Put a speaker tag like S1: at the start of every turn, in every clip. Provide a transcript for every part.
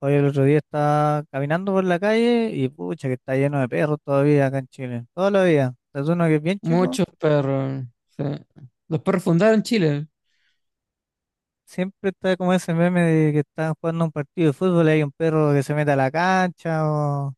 S1: Hoy el otro día estaba caminando por la calle y pucha que está lleno de perros todavía acá en Chile. Todavía. Es uno que es bien chico.
S2: Muchos perros. Sí. Los perros fundaron Chile.
S1: Siempre está como ese meme de que están jugando un partido de fútbol y hay un perro que se mete a la cancha o...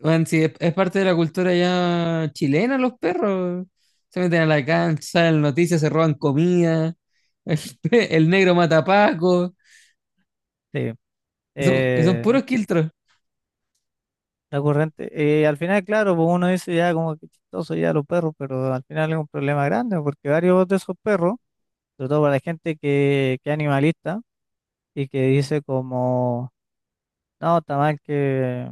S2: Bueno, sí, es parte de la cultura ya chilena los perros. Se meten a la cancha, en noticias se roban comida, el negro mata pacos,
S1: Sí.
S2: y son
S1: Eh,
S2: puros quiltros.
S1: recurrente. Y al final, claro, pues uno dice ya como que chistoso ya los perros, pero al final es un problema grande porque varios de esos perros, sobre todo para la gente que es animalista y que dice como, no, está mal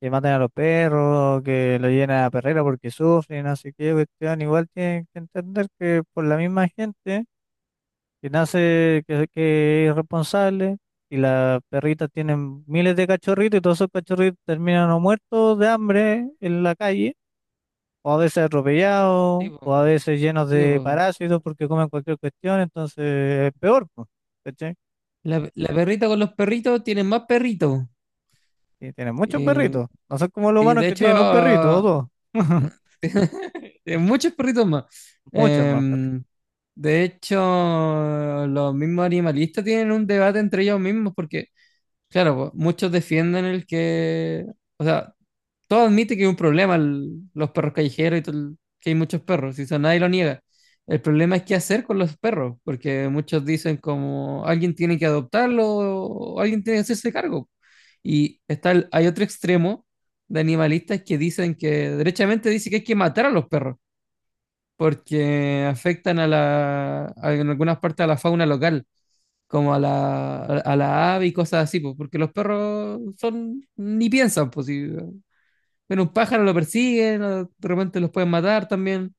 S1: que maten a los perros, que lo lleven a la perrera porque sufren, no sé qué cuestión. Igual tienen que entender que por la misma gente que nace, que es responsable, y las perritas tienen miles de cachorritos y todos esos cachorritos terminan o muertos de hambre en la calle, o a veces
S2: Sí,
S1: atropellados, o
S2: po,
S1: a veces llenos
S2: sí,
S1: de
S2: po.
S1: parásitos porque comen cualquier cuestión, entonces es peor, pues, ¿cachai?
S2: La perrita con los perritos tienen más perritos.
S1: Y tienen muchos
S2: Eh,
S1: perritos, no son como los
S2: y
S1: humanos
S2: de
S1: que tienen un perrito o
S2: hecho,
S1: dos,
S2: Muchos perritos más.
S1: muchos más perritos.
S2: Em, de hecho, los mismos animalistas tienen un debate entre ellos mismos porque, claro, pues, muchos defienden el que, o sea, todo admite que es un problema los perros callejeros y todo que hay muchos perros, y eso nadie lo niega. El problema es qué hacer con los perros, porque muchos dicen como alguien tiene que adoptarlo o alguien tiene que hacerse cargo. Y está hay otro extremo de animalistas que dicen que, derechamente dice que hay que matar a los perros, porque afectan a en algunas partes a la fauna local como a la ave y cosas así, pues, porque los perros son, ni piensan, pues, si pero un pájaro lo persigue, o de repente los pueden matar también,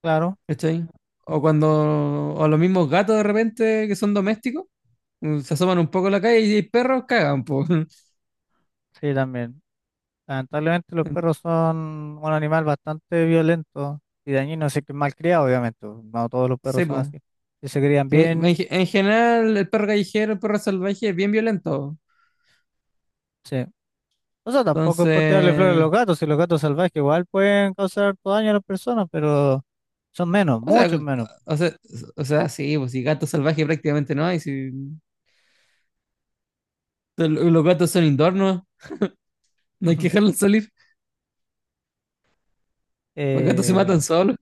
S1: Claro.
S2: ¿cachai? O cuando, o los mismos gatos de repente que son domésticos, se asoman un poco a la calle y hay perros, cagan, po.
S1: Sí, también. Lamentablemente los perros son un animal bastante violento y dañino, si es que es mal criado, obviamente. No todos los
S2: Sí,
S1: perros son
S2: po.
S1: así. Si se crían bien,
S2: En general, el perro callejero, el perro salvaje es bien violento.
S1: sí. O sea, tampoco es por tirarle flores a
S2: Entonces,
S1: los gatos, si los gatos salvajes igual pueden causar harto daño a las personas, pero son menos,
S2: o sea,
S1: muchos menos.
S2: o sea, o sea, sí, pues si gatos salvajes prácticamente no hay, si los gatos son indoor, no, no hay que dejarlos salir, los gatos se
S1: Eh,
S2: matan solos.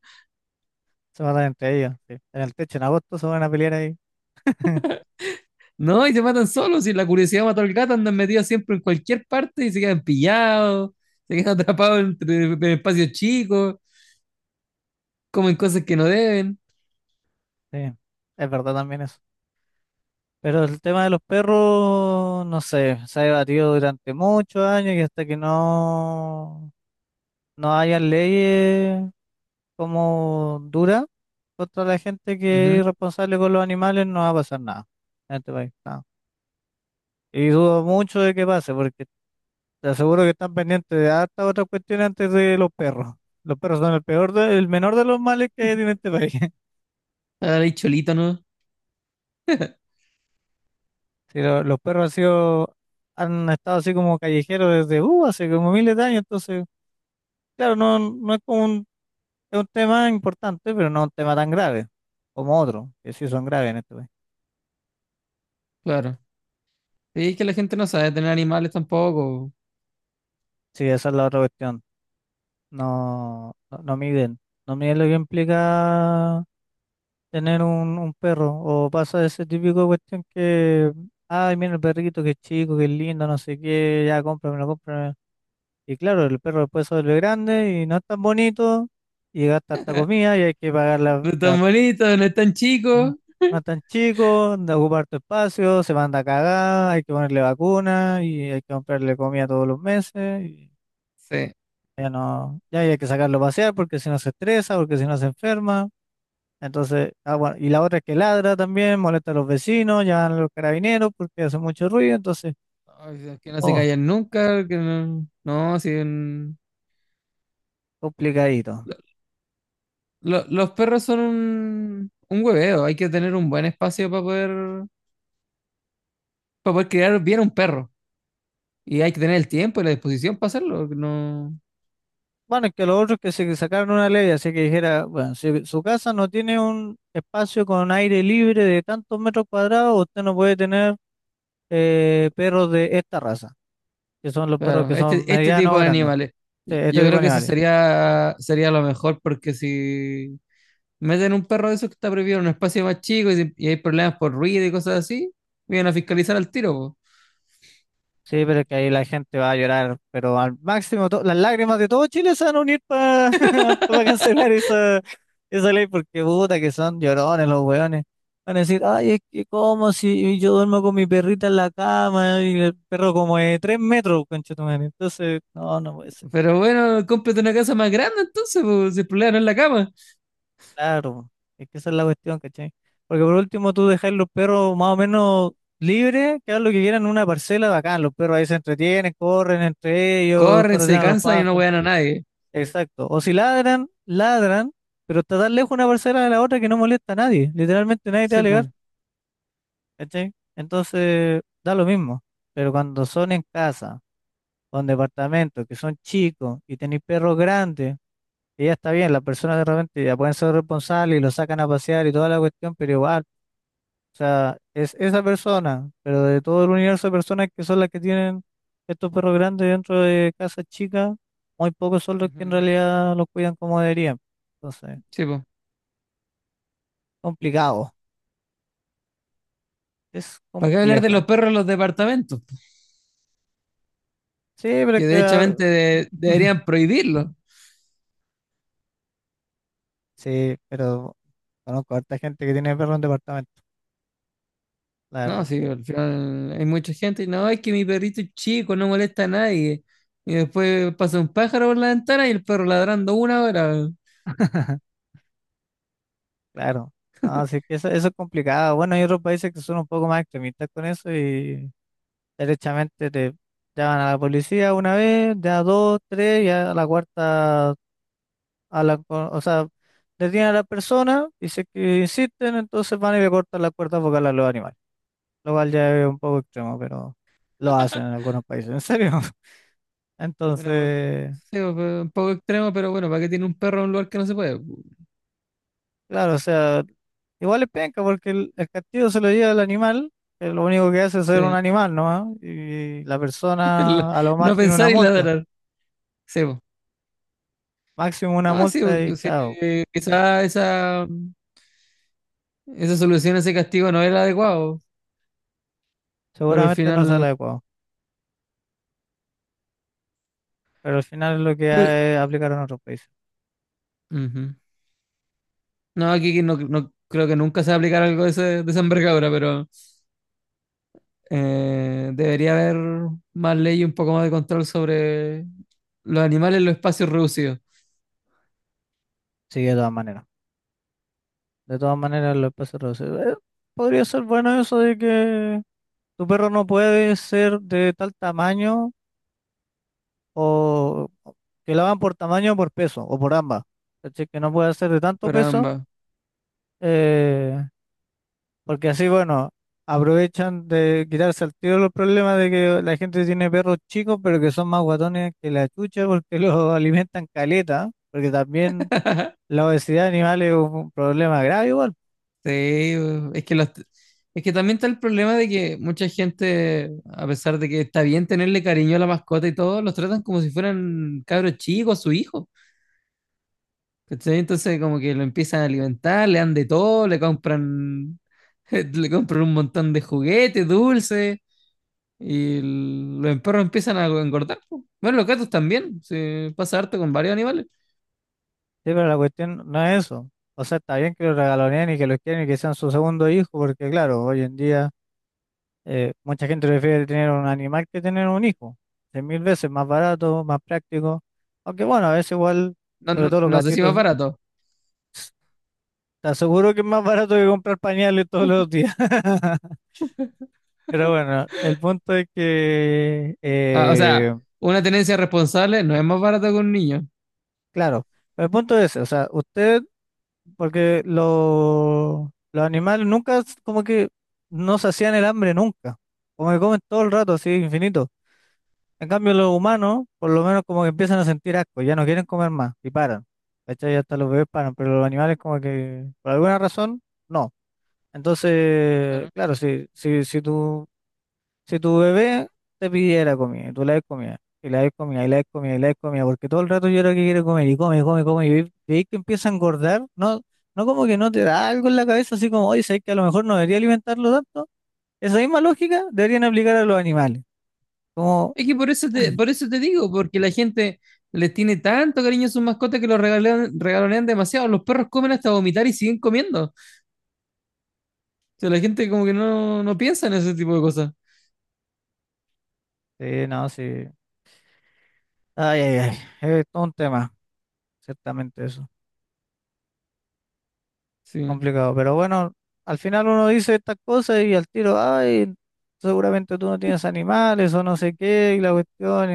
S1: se matan entre ellos, sí. En el techo en agosto se van a pelear ahí.
S2: No, y se matan solos, y la curiosidad mató al gato, andan metidos siempre en cualquier parte y se quedan pillados, se quedan atrapados entre, en espacios chicos, comen cosas que no deben.
S1: Sí, es verdad también eso. Pero el tema de los perros, no sé, se ha debatido durante muchos años y hasta que no no hayan leyes como duras contra la gente que es
S2: Ujú.
S1: irresponsable con los animales, no va a pasar nada en este país. Nada. Y dudo mucho de que pase, porque te aseguro que están pendientes de hartas otras cuestiones antes de los perros. Los perros son el el menor de los males que hay en este país.
S2: Ahora hay cholita, ¿no?
S1: Sí, los perros han sido, han estado así como callejeros desde hace como miles de años, entonces, claro, no, no es como un, es un tema importante, pero no un tema tan grave como otro, que sí son graves en este país.
S2: Claro. Y es que la gente no sabe tener animales tampoco.
S1: Sí, esa es la otra cuestión. No, no, no miden. No miden lo que implica tener un perro. O pasa ese típico cuestión que, ay, mira el perrito, que chico, que lindo, no sé qué, ya cómpramelo, cómpramelo. Y claro, el perro después se vuelve grande y no es tan bonito y gasta harta comida y hay que pagar
S2: No
S1: la,
S2: es tan
S1: la-
S2: bonito, no es tan
S1: mm,
S2: chico.
S1: No es tan chico, de ocupar tu espacio, se manda a cagar, hay que ponerle vacuna y hay que comprarle comida todos los meses.
S2: Sí.
S1: Ya no, ya hay que sacarlo a pasear porque si no se estresa, porque si no se enferma. Entonces, ah, bueno, y la otra es que ladra también, molesta a los vecinos, llaman a los carabineros porque hace mucho ruido, entonces,
S2: Ay, es que no se
S1: oh,
S2: callan nunca, que no. No, sí,
S1: complicadito.
S2: los perros son un hueveo, hay que tener un buen espacio para poder criar bien un perro. Y hay que tener el tiempo y la disposición para hacerlo. No,
S1: Bueno, es que los otros que se sacaron una ley, así que dijera, bueno, si su casa no tiene un espacio con aire libre de tantos metros cuadrados, usted no puede tener perros de esta raza, que son los perros
S2: claro,
S1: que son
S2: este
S1: medianos
S2: tipo
S1: o
S2: de
S1: grandes,
S2: animales.
S1: este
S2: Yo
S1: tipo de
S2: creo que eso
S1: animales.
S2: sería, sería lo mejor porque si meten un perro de esos que está prohibido en un espacio más chico y, y hay problemas por ruido y cosas así, vienen a fiscalizar al tiro, po.
S1: Sí, pero es que ahí la gente va a llorar, pero al máximo las lágrimas de todo Chile se van a unir para cancelar esa ley, porque puta que son llorones los weones. Van a decir, ay, es que como si yo duermo con mi perrita en la cama y el perro como de 3 metros, conchetumare. Entonces, no, no puede ser.
S2: Pero bueno, cómprate una casa más grande entonces, po, si el problema no es la cama.
S1: Claro, es que esa es la cuestión, ¿cachai? Porque por último tú dejas los perros más o menos libres, que hagan lo que quieran en una parcela bacán. Los perros ahí se entretienen, corren entre ellos,
S2: Corren, se
S1: corretean a los
S2: cansan y no
S1: pájaros.
S2: wean a nadie.
S1: Exacto. O si ladran, ladran, pero está tan lejos una parcela de la otra que no molesta a nadie. Literalmente nadie te va a
S2: Sí,
S1: alegar.
S2: po.
S1: ¿Cachai? Entonces, da lo mismo. Pero cuando son en casa o en departamentos que son chicos y tenéis perros grandes, que ya está bien, las personas de repente ya pueden ser responsables y lo sacan a pasear y toda la cuestión, pero igual, o sea, es esa persona, pero de todo el universo de personas que son las que tienen estos perros grandes dentro de casas chicas, muy pocos son los que en
S2: Ujú.
S1: realidad los cuidan como deberían. Entonces,
S2: Sí, po.
S1: complicado, es
S2: ¿Para qué hablar de los
S1: complejo.
S2: perros en los departamentos, po?
S1: Sí, pero es
S2: Que
S1: que ah,
S2: derechamente deberían prohibirlos.
S1: sí, pero conozco harta gente que tiene perro en departamento, la
S2: No,
S1: verdad.
S2: sí, al final hay mucha gente y no, es que mi perrito es chico, no molesta a nadie. Y después pasa un pájaro por la ventana y el perro ladrando una hora.
S1: Claro. No, sí que eso es complicado. Bueno, hay otros países que son un poco más extremistas con eso y derechamente te llaman a la policía una vez, ya dos, tres, ya a la cuarta a la, o sea, detienen a la persona y si es que insisten, entonces van y le cortan las cuerdas vocales a los animales. Lo cual ya es un poco extremo, pero lo hacen en algunos países, en serio.
S2: Bueno,
S1: Entonces,
S2: sí, pa- un poco extremo, pero bueno, ¿para qué tiene un perro en un lugar que no se puede?
S1: claro, o sea, igual es penca porque el castigo se lo lleva el animal, que lo único que hace es ser un
S2: Sí.
S1: animal, ¿no? Y la
S2: La-
S1: persona a lo más
S2: No
S1: tiene una
S2: pensar y
S1: multa,
S2: ladrar. Sí, po.
S1: máximo una
S2: Ah, sí,
S1: multa y
S2: po, sí,
S1: chao. ¿Cachai?
S2: quizá esa solución, ese castigo no era adecuado, pero al
S1: Seguramente no sale
S2: final...
S1: adecuado, pero al final es lo que aplicaron en otros países.
S2: Ujú. No, aquí no, no creo que nunca se va a aplicar algo de, ese, de esa envergadura, pero... debería haber más ley y un poco más de control sobre los animales en los espacios reducidos
S1: Sí, de todas maneras. De todas maneras, los perros reducidos. Podría ser bueno eso de que tu perro no puede ser de tal tamaño o que la van por tamaño o por peso o por ambas. ¿Cachai? Que no puede ser de tanto
S2: para
S1: peso
S2: ambas.
S1: eh, porque así, bueno, aprovechan de quitarse al tiro los problemas de que la gente tiene perros chicos pero que son más guatones que la chucha porque los alimentan caleta, porque también la obesidad animal es un problema grave igual.
S2: Sí, pues, es que también está el problema de que mucha gente, a pesar de que está bien tenerle cariño a la mascota y todo, los tratan como si fueran cabros chicos, su hijo. ¿Cachai? Entonces como que lo empiezan a alimentar, le dan de todo, le compran, le compran un montón de juguetes, dulces. Y los perros empiezan a engordar, po. Bueno, los gatos también. Se pasa harto con varios animales.
S1: Sí, pero la cuestión no es eso. O sea, está bien que lo regaloneen y que lo quieran y que sean su segundo hijo, porque claro, hoy en día mucha gente prefiere tener un animal que tener un hijo. Es mil veces más barato, más práctico. Aunque bueno, a veces igual,
S2: No,
S1: sobre
S2: no,
S1: todo los
S2: no sé si más
S1: gatitos,
S2: barato.
S1: te aseguro que es más barato que comprar pañales todos los días. Pero bueno, el punto es que,
S2: Ah, o sea, una tenencia responsable no es más barata que un niño.
S1: claro, el punto es, o sea, usted. Porque los animales nunca, como que no se hacían el hambre nunca. Como que comen todo el rato, así, infinito. En cambio, los humanos, por lo menos, como que empiezan a sentir asco, ya no quieren comer más y paran. ¿Cachai? Hasta los bebés paran, pero los animales, como que por alguna razón, no. Entonces,
S2: Claro.
S1: claro, si tu bebé te pidiera comida, y tú le das comida, y le das comida, y le das comida, y le das comida, porque todo el rato llora que quiere comer, y come, y come, y come, y veis que empieza a engordar, no, no como que no te da algo en la cabeza, así como, oye, sabes que a lo mejor no debería alimentarlo tanto, esa misma lógica deberían aplicar a los animales, como,
S2: Es que por eso te digo, porque la gente les tiene tanto cariño a sus mascotas que los regalonean demasiado. Los perros comen hasta vomitar y siguen comiendo. O sea, la gente como que no, no piensa en ese tipo de cosas.
S1: sí, no, sí, ay, ay, ay, es todo un tema, ciertamente eso,
S2: Sí,
S1: complicado, pero bueno, al final uno dice estas cosas y al tiro, ay, seguramente tú no tienes animales o no sé qué, y la cuestión,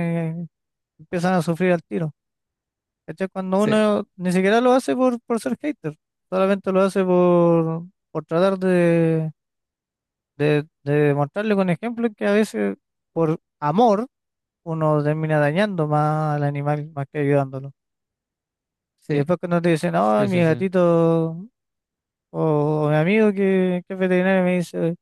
S1: empiezan a sufrir al tiro. ¿Cachai? Cuando
S2: sí,
S1: uno ni siquiera lo hace por ser hater, solamente lo hace por tratar de mostrarle con ejemplos que a veces por amor uno termina dañando más al animal más que ayudándolo. Y
S2: sí,
S1: después cuando te dicen, no,
S2: sí,
S1: mi
S2: sí, sí.
S1: gatito o, mi amigo que es veterinario me dice,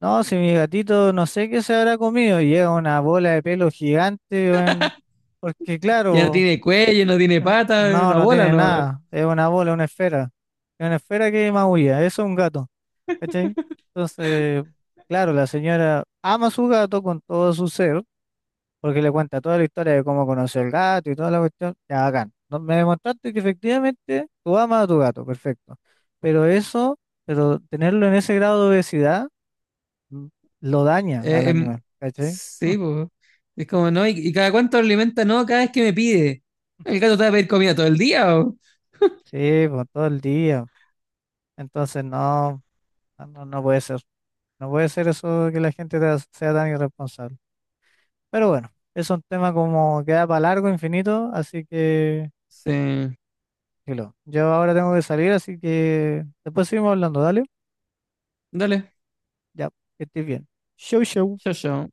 S1: no, si mi gatito no sé qué se habrá comido, y llega una bola de pelo gigante, weón, porque
S2: Ya no
S1: claro.
S2: tiene cuello, no tiene pata, es
S1: No,
S2: una
S1: no
S2: bola,
S1: tiene
S2: no.
S1: nada. Es una bola, una esfera. Es una esfera que maulla. Eso es un gato. ¿Cachai? Entonces, claro, la señora ama a su gato con todo su ser, porque le cuenta toda la historia de cómo conoció el gato y toda la cuestión. Ya, bacán. Me demostraste que efectivamente tú amas a tu gato. Perfecto. Pero eso, pero tenerlo en ese grado de obesidad, mm, lo daña al
S2: Eh, em,
S1: animal. ¿Cachai?
S2: sí, po. Es como, ¿no? Y cada cuánto alimenta? No, cada vez que me pide. El gato te va a pedir comida todo el día, po.
S1: Sí, por todo el día. Entonces, no, no, no puede ser. No puede ser eso que la gente sea tan irresponsable. Pero bueno, es un tema como que da para largo, infinito, así que
S2: Sí.
S1: filo. Yo ahora tengo que salir, así que después seguimos hablando, dale.
S2: Dale.
S1: Ya, que estés bien. Show, show.
S2: Chao, chao.